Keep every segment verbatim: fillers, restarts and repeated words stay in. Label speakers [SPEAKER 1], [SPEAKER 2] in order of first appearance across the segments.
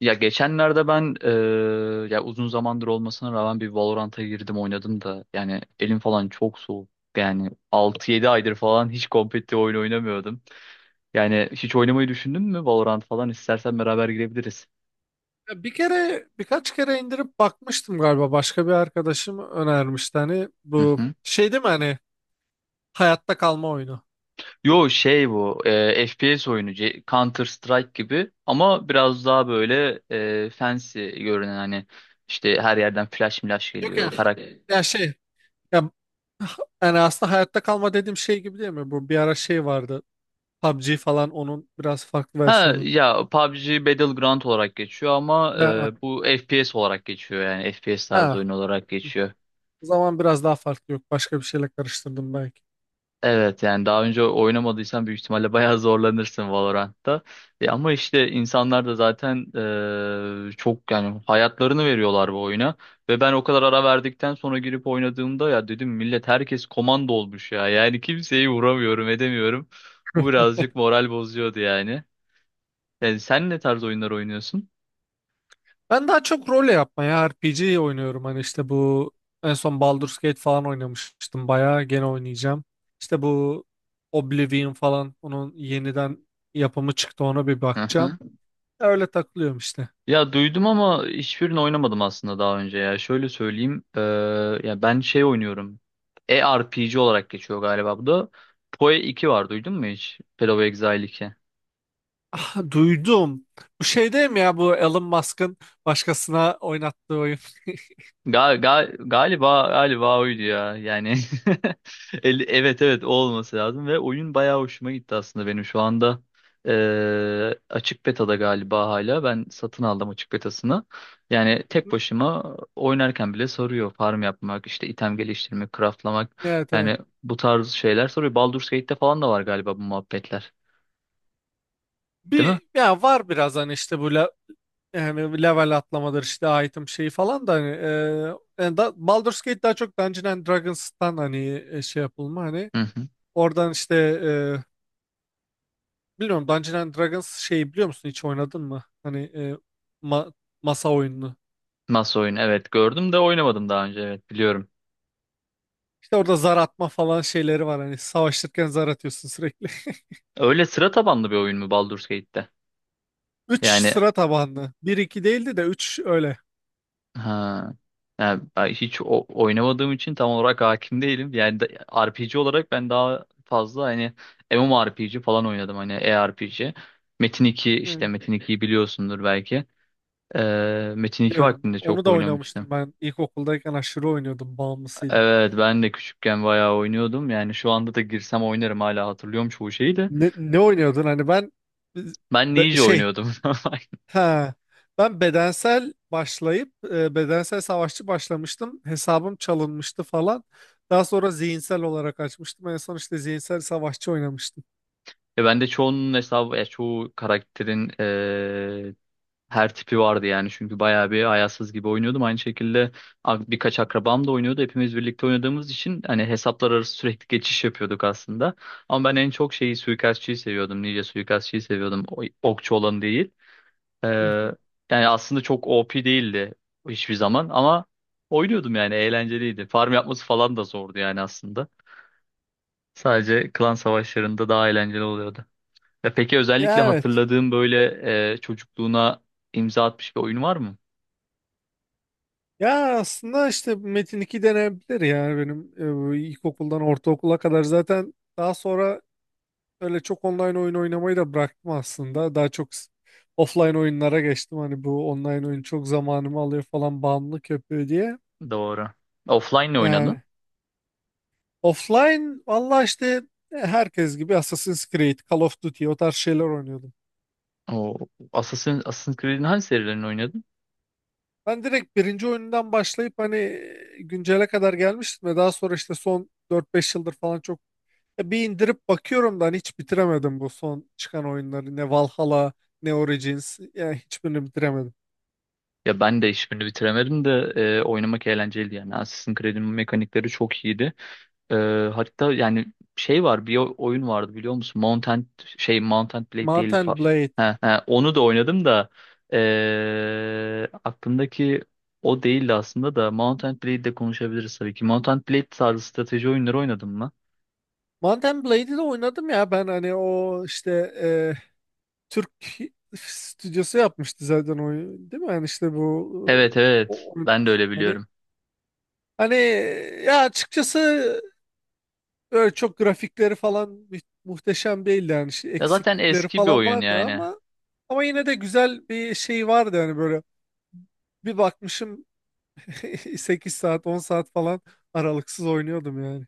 [SPEAKER 1] Ya geçenlerde ben eee, ya uzun zamandır olmasına rağmen bir Valorant'a girdim oynadım da yani elim falan çok soğuk. Yani altı yedi aydır falan hiç kompetitif oyun oynamıyordum. Yani hiç oynamayı düşündün mü Valorant falan istersen beraber girebiliriz.
[SPEAKER 2] Ya bir kere birkaç kere indirip bakmıştım galiba. Başka bir arkadaşım önermişti, hani
[SPEAKER 1] Hı
[SPEAKER 2] bu
[SPEAKER 1] hı.
[SPEAKER 2] şey değil mi, hani hayatta kalma oyunu.
[SPEAKER 1] Yo şey bu eee, F P S oyunu C- Counter Strike gibi ama biraz daha böyle eee fancy görünen hani işte her yerden flash milash
[SPEAKER 2] Yok ya
[SPEAKER 1] geliyor.
[SPEAKER 2] ha- ya şey ya yani aslında hayatta kalma dediğim şey gibi değil mi? Bu bir ara şey vardı. P U B G falan onun biraz farklı
[SPEAKER 1] Ha
[SPEAKER 2] versiyonu.
[SPEAKER 1] ya P U B G Battleground olarak geçiyor ama
[SPEAKER 2] Ha,
[SPEAKER 1] e, bu F P S olarak geçiyor yani F P S tarzı
[SPEAKER 2] ha.
[SPEAKER 1] oyun olarak geçiyor.
[SPEAKER 2] O zaman biraz daha farklı, yok. Başka bir şeyle karıştırdım belki.
[SPEAKER 1] Evet yani daha önce oynamadıysan büyük ihtimalle bayağı zorlanırsın Valorant'ta. E, ama işte insanlar da zaten e, çok yani hayatlarını veriyorlar bu oyuna. Ve ben o kadar ara verdikten sonra girip oynadığımda ya dedim millet herkes komando olmuş ya. Yani kimseyi vuramıyorum edemiyorum. Bu birazcık moral bozuyordu yani. Yani sen ne tarz oyunlar oynuyorsun?
[SPEAKER 2] Ben daha çok role yapmaya R P G oynuyorum. Hani işte bu en son Baldur's Gate falan oynamıştım. Bayağı gene oynayacağım. İşte bu Oblivion falan, onun yeniden yapımı çıktı, ona bir bakacağım. Öyle takılıyorum işte.
[SPEAKER 1] Ya duydum ama hiçbirini oynamadım aslında daha önce ya. Şöyle söyleyeyim. Eee, ya ben şey oynuyorum. E-R P G R P G olarak geçiyor galiba bu da. PoE iki var duydun mu hiç? Path of Exile iki.
[SPEAKER 2] Ah, duydum. Bu şey değil mi, ya bu Elon Musk'ın başkasına oynattığı oyun?
[SPEAKER 1] Gal, gal, galiba galiba oydu ya. Yani El- evet evet o olması lazım ve oyun bayağı hoşuma gitti aslında benim şu anda eee, açık betada galiba hala ben satın aldım açık betasını. Yani tek başıma oynarken bile soruyor farm yapmak, işte item geliştirmek, craftlamak.
[SPEAKER 2] Evet, evet.
[SPEAKER 1] Yani bu tarz şeyler soruyor. Baldur's Gate'te falan da var galiba bu muhabbetler. Değil mi?
[SPEAKER 2] Bir ya var biraz hani işte böyle. Yani level atlamadır, işte item şeyi falan da, hani e, yani da, Baldur's Gate daha çok Dungeons and Dragons'tan hani e, şey yapılma, hani
[SPEAKER 1] Hı hı.
[SPEAKER 2] oradan işte e, bilmiyorum, Dungeons and Dragons şeyi biliyor musun, hiç oynadın mı? Hani e, ma- masa oyununu.
[SPEAKER 1] Masa oyunu evet gördüm de oynamadım daha önce evet biliyorum.
[SPEAKER 2] İşte orada zar atma falan şeyleri var, hani savaşırken zar atıyorsun sürekli.
[SPEAKER 1] Öyle sıra tabanlı bir oyun mu Baldur's Gate'te?
[SPEAKER 2] Üç,
[SPEAKER 1] Yani.
[SPEAKER 2] sıra tabanlı. Bir, iki değildi de, üç öyle.
[SPEAKER 1] Ha. Yani ben hiç o- oynamadığım için tam olarak hakim değilim. Yani da- R P G olarak ben daha fazla hani MMORPG falan oynadım hani E R P G. Metin iki işte
[SPEAKER 2] Yani
[SPEAKER 1] Metin ikiyi biliyorsundur belki. Ee, Metin iki
[SPEAKER 2] biliyorum.
[SPEAKER 1] vaktinde
[SPEAKER 2] Onu
[SPEAKER 1] çok
[SPEAKER 2] da
[SPEAKER 1] oynamıştım.
[SPEAKER 2] oynamıştım ben, ilkokuldayken aşırı oynuyordum, bağımlısıydım.
[SPEAKER 1] Evet ben de küçükken bayağı oynuyordum. Yani şu anda da girsem oynarım hala hatırlıyorum çoğu şeyi de.
[SPEAKER 2] Ne, ne oynuyordun hani? Ben
[SPEAKER 1] Ben
[SPEAKER 2] Be-
[SPEAKER 1] Ninja
[SPEAKER 2] şey
[SPEAKER 1] oynuyordum.
[SPEAKER 2] Ha, Ben bedensel başlayıp e, bedensel savaşçı başlamıştım. Hesabım çalınmıştı falan. Daha sonra zihinsel olarak açmıştım. En son işte zihinsel savaşçı oynamıştım.
[SPEAKER 1] E ben de çoğunun hesabı, ya çoğu karakterin ee, her tipi vardı yani çünkü bayağı bir ayarsız gibi oynuyordum. Aynı şekilde ak- birkaç akrabam da oynuyordu. Hepimiz birlikte oynadığımız için hani hesaplar arası sürekli geçiş yapıyorduk aslında. Ama ben en çok şeyi suikastçıyı seviyordum. Ninja suikastçıyı seviyordum. O- Okçu olan değil. Ee,
[SPEAKER 2] Hı hı.
[SPEAKER 1] yani aslında çok O P değildi hiçbir zaman ama oynuyordum yani eğlenceliydi. Farm yapması falan da zordu yani aslında. Sadece klan savaşlarında daha eğlenceli oluyordu. Ya peki özellikle
[SPEAKER 2] Ya, evet.
[SPEAKER 1] hatırladığım böyle e, çocukluğuna imza atmış bir oyun var mı?
[SPEAKER 2] Ya aslında işte Metin iki denebilir yani, benim e, ilkokuldan ortaokula kadar. Zaten daha sonra öyle çok online oyun oynamayı da bıraktım aslında. Daha çok s- offline oyunlara geçtim. Hani bu online oyun çok zamanımı alıyor falan, bağımlılık yapıyor diye.
[SPEAKER 1] Doğru. Offline ne
[SPEAKER 2] Yani
[SPEAKER 1] oynadın?
[SPEAKER 2] offline, valla işte e, herkes gibi Assassin's Creed, Call of Duty, o tarz şeyler oynuyordum.
[SPEAKER 1] O Assassin, Assassin's Creed'in hangi serilerini oynadın?
[SPEAKER 2] Ben direkt birinci oyundan başlayıp hani güncele kadar gelmiştim ve daha sonra işte son dört beş yıldır falan çok e, bir indirip bakıyorum da hani hiç bitiremedim bu son çıkan oyunları. Ne Valhalla, ne Origins, yani hiçbirini bitiremedim.
[SPEAKER 1] Ya ben de hiçbirini bitiremedim de e, oynamak eğlenceliydi yani. Assassin's Creed'in mekanikleri çok iyiydi. E, hatta yani şey var bir o- oyun vardı biliyor musun? Mount and, şey Mount and Blade
[SPEAKER 2] Mount
[SPEAKER 1] değil. fa-
[SPEAKER 2] and Blade.
[SPEAKER 1] He, he, onu da oynadım da e, aklımdaki o değildi aslında da Mount and Blade'de konuşabiliriz tabii ki. Mount and Blade tarzı strateji oyunları oynadın mı?
[SPEAKER 2] Mount and Blade'i de oynadım ya. Ben hani o işte e, Türk stüdyosu yapmıştı zaten oyunu, değil mi? Yani işte bu
[SPEAKER 1] Evet
[SPEAKER 2] e,
[SPEAKER 1] evet
[SPEAKER 2] o-
[SPEAKER 1] ben de öyle
[SPEAKER 2] oynamıştım.
[SPEAKER 1] biliyorum.
[SPEAKER 2] Hani, ya açıkçası öyle çok grafikleri falan mü- muhteşem değildi yani, şey-
[SPEAKER 1] Ya zaten
[SPEAKER 2] eksiklikleri
[SPEAKER 1] eski bir
[SPEAKER 2] falan
[SPEAKER 1] oyun
[SPEAKER 2] vardı
[SPEAKER 1] yani.
[SPEAKER 2] ama ama yine de güzel bir şey vardı yani, böyle bir bakmışım sekiz saat, on saat falan aralıksız oynuyordum yani.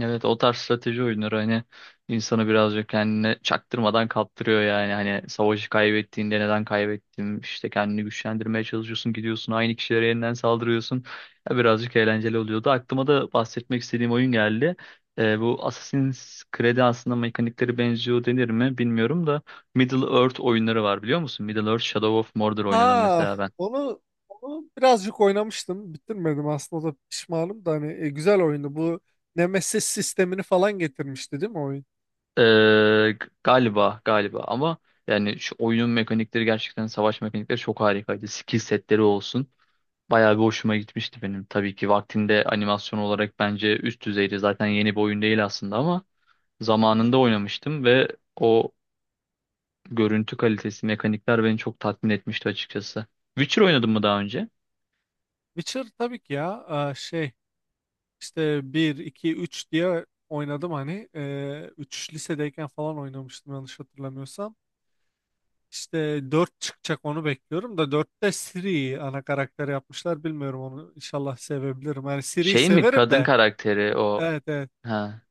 [SPEAKER 1] Evet o tarz strateji oyunları hani insanı birazcık kendine çaktırmadan kaptırıyor yani. Hani savaşı kaybettiğinde neden kaybettim işte kendini güçlendirmeye çalışıyorsun gidiyorsun aynı kişilere yeniden saldırıyorsun. Ya birazcık eğlenceli oluyordu. Aklıma da bahsetmek istediğim oyun geldi. Ee, bu Assassin's Creed'e aslında mekanikleri benziyor denir mi bilmiyorum da Middle Earth oyunları var biliyor musun? Middle Earth Shadow of Mordor oynadım
[SPEAKER 2] Ha,
[SPEAKER 1] mesela ben.
[SPEAKER 2] onu onu birazcık oynamıştım, bitirmedim aslında, o da pişmanım da, hani e, güzel oyundu bu. Nemesis sistemini falan getirmişti değil mi oyun?
[SPEAKER 1] Ee, galiba galiba ama yani şu oyunun mekanikleri gerçekten savaş mekanikleri çok harikaydı. Skill setleri olsun. Bayağı bir hoşuma gitmişti benim. Tabii ki vaktinde animasyon olarak bence üst düzeydi. Zaten yeni bir oyun değil aslında ama
[SPEAKER 2] Hı hı.
[SPEAKER 1] zamanında oynamıştım ve o görüntü kalitesi, mekanikler beni çok tatmin etmişti açıkçası. Witcher oynadım mı daha önce?
[SPEAKER 2] Witcher tabii ki ya, e, şey İşte bir, iki, üç diye oynadım hani. Ee, üç, lisedeyken falan oynamıştım yanlış hatırlamıyorsam. İşte dört çıkacak, onu bekliyorum da, dörtte Siri ana karakter yapmışlar. Bilmiyorum, onu inşallah sevebilirim. Yani Siri'yi
[SPEAKER 1] Şey mi
[SPEAKER 2] severim
[SPEAKER 1] kadın
[SPEAKER 2] de.
[SPEAKER 1] karakteri o?
[SPEAKER 2] Evet, evet.
[SPEAKER 1] Ha.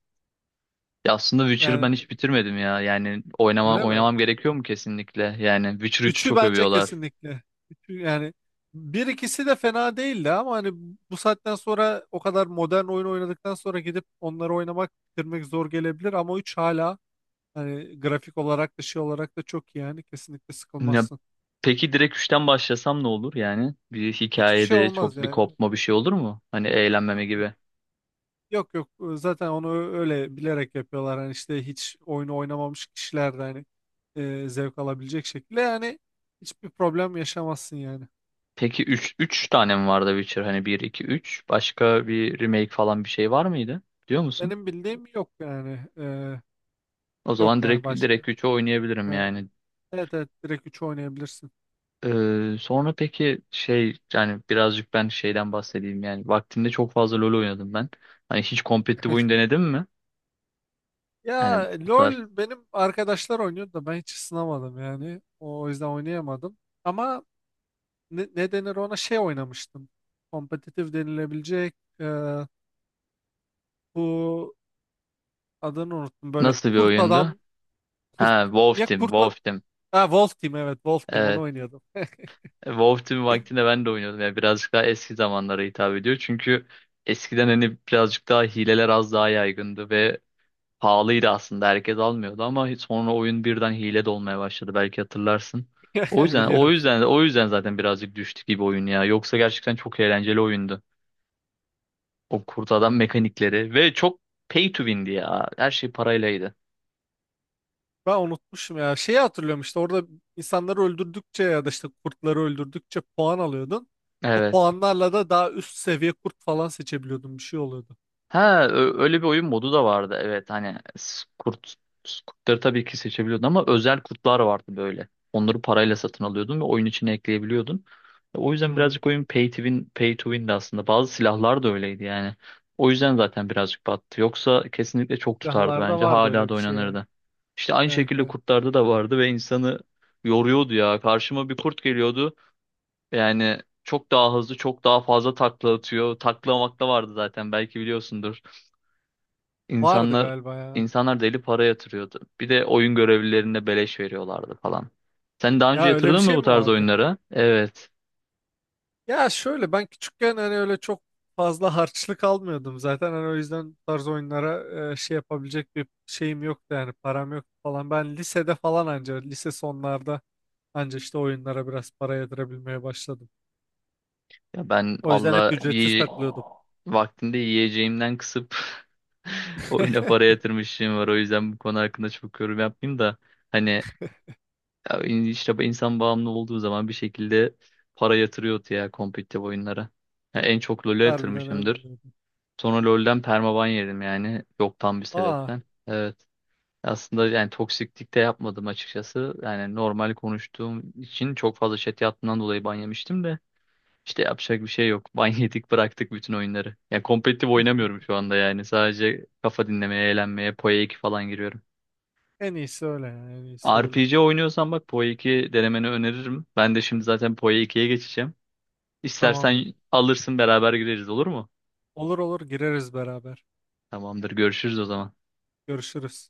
[SPEAKER 1] Ya aslında Witcher'ı ben
[SPEAKER 2] Yani
[SPEAKER 1] hiç bitirmedim ya. Yani oynamam
[SPEAKER 2] öyle mi?
[SPEAKER 1] oynamam gerekiyor mu kesinlikle? Yani Witcher üçü
[SPEAKER 2] Üçü
[SPEAKER 1] çok
[SPEAKER 2] bence
[SPEAKER 1] övüyorlar.
[SPEAKER 2] kesinlikle. üçü yani, bir ikisi de fena değildi ama hani bu saatten sonra, o kadar modern oyun oynadıktan sonra gidip onları oynamak, bitirmek zor gelebilir, ama üç hala, hani grafik olarak da şey olarak da çok iyi yani, kesinlikle
[SPEAKER 1] Ya,
[SPEAKER 2] sıkılmazsın.
[SPEAKER 1] peki direkt üçten başlasam ne olur yani? Bir
[SPEAKER 2] Hiçbir şey
[SPEAKER 1] hikayede
[SPEAKER 2] olmaz
[SPEAKER 1] çok bir
[SPEAKER 2] yani.
[SPEAKER 1] kopma bir şey olur mu? Hani
[SPEAKER 2] Yok,
[SPEAKER 1] eğlenmeme
[SPEAKER 2] yok.
[SPEAKER 1] gibi.
[SPEAKER 2] Yok, yok. Zaten onu ö- öyle bilerek yapıyorlar. Hani işte hiç oyunu oynamamış kişiler de hani e, zevk alabilecek şekilde, yani hiçbir problem yaşamazsın yani.
[SPEAKER 1] Peki üç üç tane mi vardı Witcher? Hani bir iki üç başka bir remake falan bir şey var mıydı? Diyor musun?
[SPEAKER 2] Benim bildiğim yok yani. E,
[SPEAKER 1] O
[SPEAKER 2] yok
[SPEAKER 1] zaman
[SPEAKER 2] yani
[SPEAKER 1] direkt
[SPEAKER 2] başka.
[SPEAKER 1] direkt üçü oynayabilirim
[SPEAKER 2] Evet,
[SPEAKER 1] yani.
[SPEAKER 2] evet, evet, direkt üç oynayabilirsin.
[SPEAKER 1] Ee, sonra peki şey yani birazcık ben şeyden bahsedeyim yani vaktinde çok fazla LoL oynadım ben. Hani hiç kompetitif oyun denedin mi? Yani
[SPEAKER 2] Ya
[SPEAKER 1] bu tarz
[SPEAKER 2] LOL, benim arkadaşlar oynuyordu da ben hiç ısınamadım yani. O, o yüzden oynayamadım. Ama ne, ne denir ona, şey oynamıştım. Kompetitif denilebilecek, e, bu, adını unuttum. Böyle
[SPEAKER 1] nasıl bir
[SPEAKER 2] kurt
[SPEAKER 1] oyundu?
[SPEAKER 2] adam, kurt
[SPEAKER 1] Ha, Wolf
[SPEAKER 2] ya
[SPEAKER 1] Team,
[SPEAKER 2] kurt ad-
[SPEAKER 1] Wolf Team.
[SPEAKER 2] ha, Wolf Team, evet Wolf Team,
[SPEAKER 1] Ee,
[SPEAKER 2] onu oynuyordum.
[SPEAKER 1] WoW Team vaktinde ben de oynuyordum. Yani birazcık daha eski zamanlara hitap ediyor. Çünkü eskiden hani birazcık daha hileler az daha yaygındı ve pahalıydı aslında. Herkes almıyordu ama hiç sonra oyun birden hile de olmaya başladı. Belki hatırlarsın. O yüzden o
[SPEAKER 2] Biliyorum.
[SPEAKER 1] yüzden o yüzden zaten birazcık düştü gibi oyun ya. Yoksa gerçekten çok eğlenceli oyundu. O kurt adam mekanikleri ve çok pay to win'di ya. Her şey paraylaydı.
[SPEAKER 2] Ben unutmuşum ya. Şeyi hatırlıyorum, işte orada insanları öldürdükçe ya da işte kurtları öldürdükçe puan alıyordun. O
[SPEAKER 1] Evet.
[SPEAKER 2] puanlarla da daha üst seviye kurt falan seçebiliyordun. Bir şey oluyordu.
[SPEAKER 1] Ha, ö- öyle bir oyun modu da vardı. Evet hani s- kurt s- kurtları tabii ki seçebiliyordun ama özel kurtlar vardı böyle. Onları parayla satın alıyordun ve oyun içine ekleyebiliyordun. E, O yüzden
[SPEAKER 2] Hmm.
[SPEAKER 1] birazcık oyun pay to win, pay to win'di aslında. Bazı silahlar da öyleydi yani. O yüzden zaten birazcık battı. Yoksa kesinlikle çok tutardı
[SPEAKER 2] Silahlarda
[SPEAKER 1] bence.
[SPEAKER 2] vardı
[SPEAKER 1] Hala
[SPEAKER 2] öyle
[SPEAKER 1] da
[SPEAKER 2] bir şey yani.
[SPEAKER 1] oynanırdı. İşte aynı
[SPEAKER 2] Evet,
[SPEAKER 1] şekilde
[SPEAKER 2] evet.
[SPEAKER 1] kurtlarda da vardı ve insanı yoruyordu ya. Karşıma bir kurt geliyordu. Yani çok daha hızlı, çok daha fazla takla atıyor. Takla makla vardı zaten belki biliyorsundur.
[SPEAKER 2] Vardı
[SPEAKER 1] İnsanlar
[SPEAKER 2] galiba ya.
[SPEAKER 1] insanlar deli para yatırıyordu. Bir de oyun görevlilerine beleş veriyorlardı falan. Sen daha önce
[SPEAKER 2] Ya öyle bir
[SPEAKER 1] yatırdın mı
[SPEAKER 2] şey
[SPEAKER 1] bu
[SPEAKER 2] mi
[SPEAKER 1] tarz
[SPEAKER 2] vardı?
[SPEAKER 1] oyunlara? Evet.
[SPEAKER 2] Ya şöyle, ben küçükken hani öyle çok fazla harçlık almıyordum zaten. Hani o yüzden bu tarz oyunlara e, şey yapabilecek bir şeyim yoktu yani, param yoktu falan. Ben lisede falan, anca lise sonlarda anca işte oyunlara biraz para yedirebilmeye başladım.
[SPEAKER 1] Ya ben
[SPEAKER 2] O yüzden hep
[SPEAKER 1] valla
[SPEAKER 2] ücretsiz
[SPEAKER 1] yiye-
[SPEAKER 2] takılıyordum.
[SPEAKER 1] vaktinde yiyeceğimden kısıp oyuna para yatırmışım var. O yüzden bu konu hakkında çok yorum yapmayayım da hani ya in- işte insan bağımlı olduğu zaman bir şekilde para yatırıyordu ya kompetitif oyunlara. Ya en çok LoL'e
[SPEAKER 2] Harbiden öyle
[SPEAKER 1] yatırmışımdır.
[SPEAKER 2] oluyordu.
[SPEAKER 1] Sonra LoL'den permaban yedim yani yoktan bir
[SPEAKER 2] Aa,
[SPEAKER 1] sebepten. Evet. Aslında yani toksiklik de yapmadım açıkçası. Yani normal konuştuğum için çok fazla chat yaptığından dolayı ban yemiştim de. İşte yapacak bir şey yok. Ban yedik bıraktık bütün oyunları. Yani kompetitif oynamıyorum şu anda yani. Sadece kafa dinlemeye, eğlenmeye, PoE iki falan giriyorum.
[SPEAKER 2] en iyisi öyle yani, en iyisi öyle.
[SPEAKER 1] R P G oynuyorsan bak PoE iki denemeni öneririm. Ben de şimdi zaten PoE ikiye geçeceğim.
[SPEAKER 2] Tamamdır.
[SPEAKER 1] İstersen alırsın beraber gireriz olur mu?
[SPEAKER 2] Olur, olur, gireriz beraber.
[SPEAKER 1] Tamamdır görüşürüz o zaman.
[SPEAKER 2] Görüşürüz.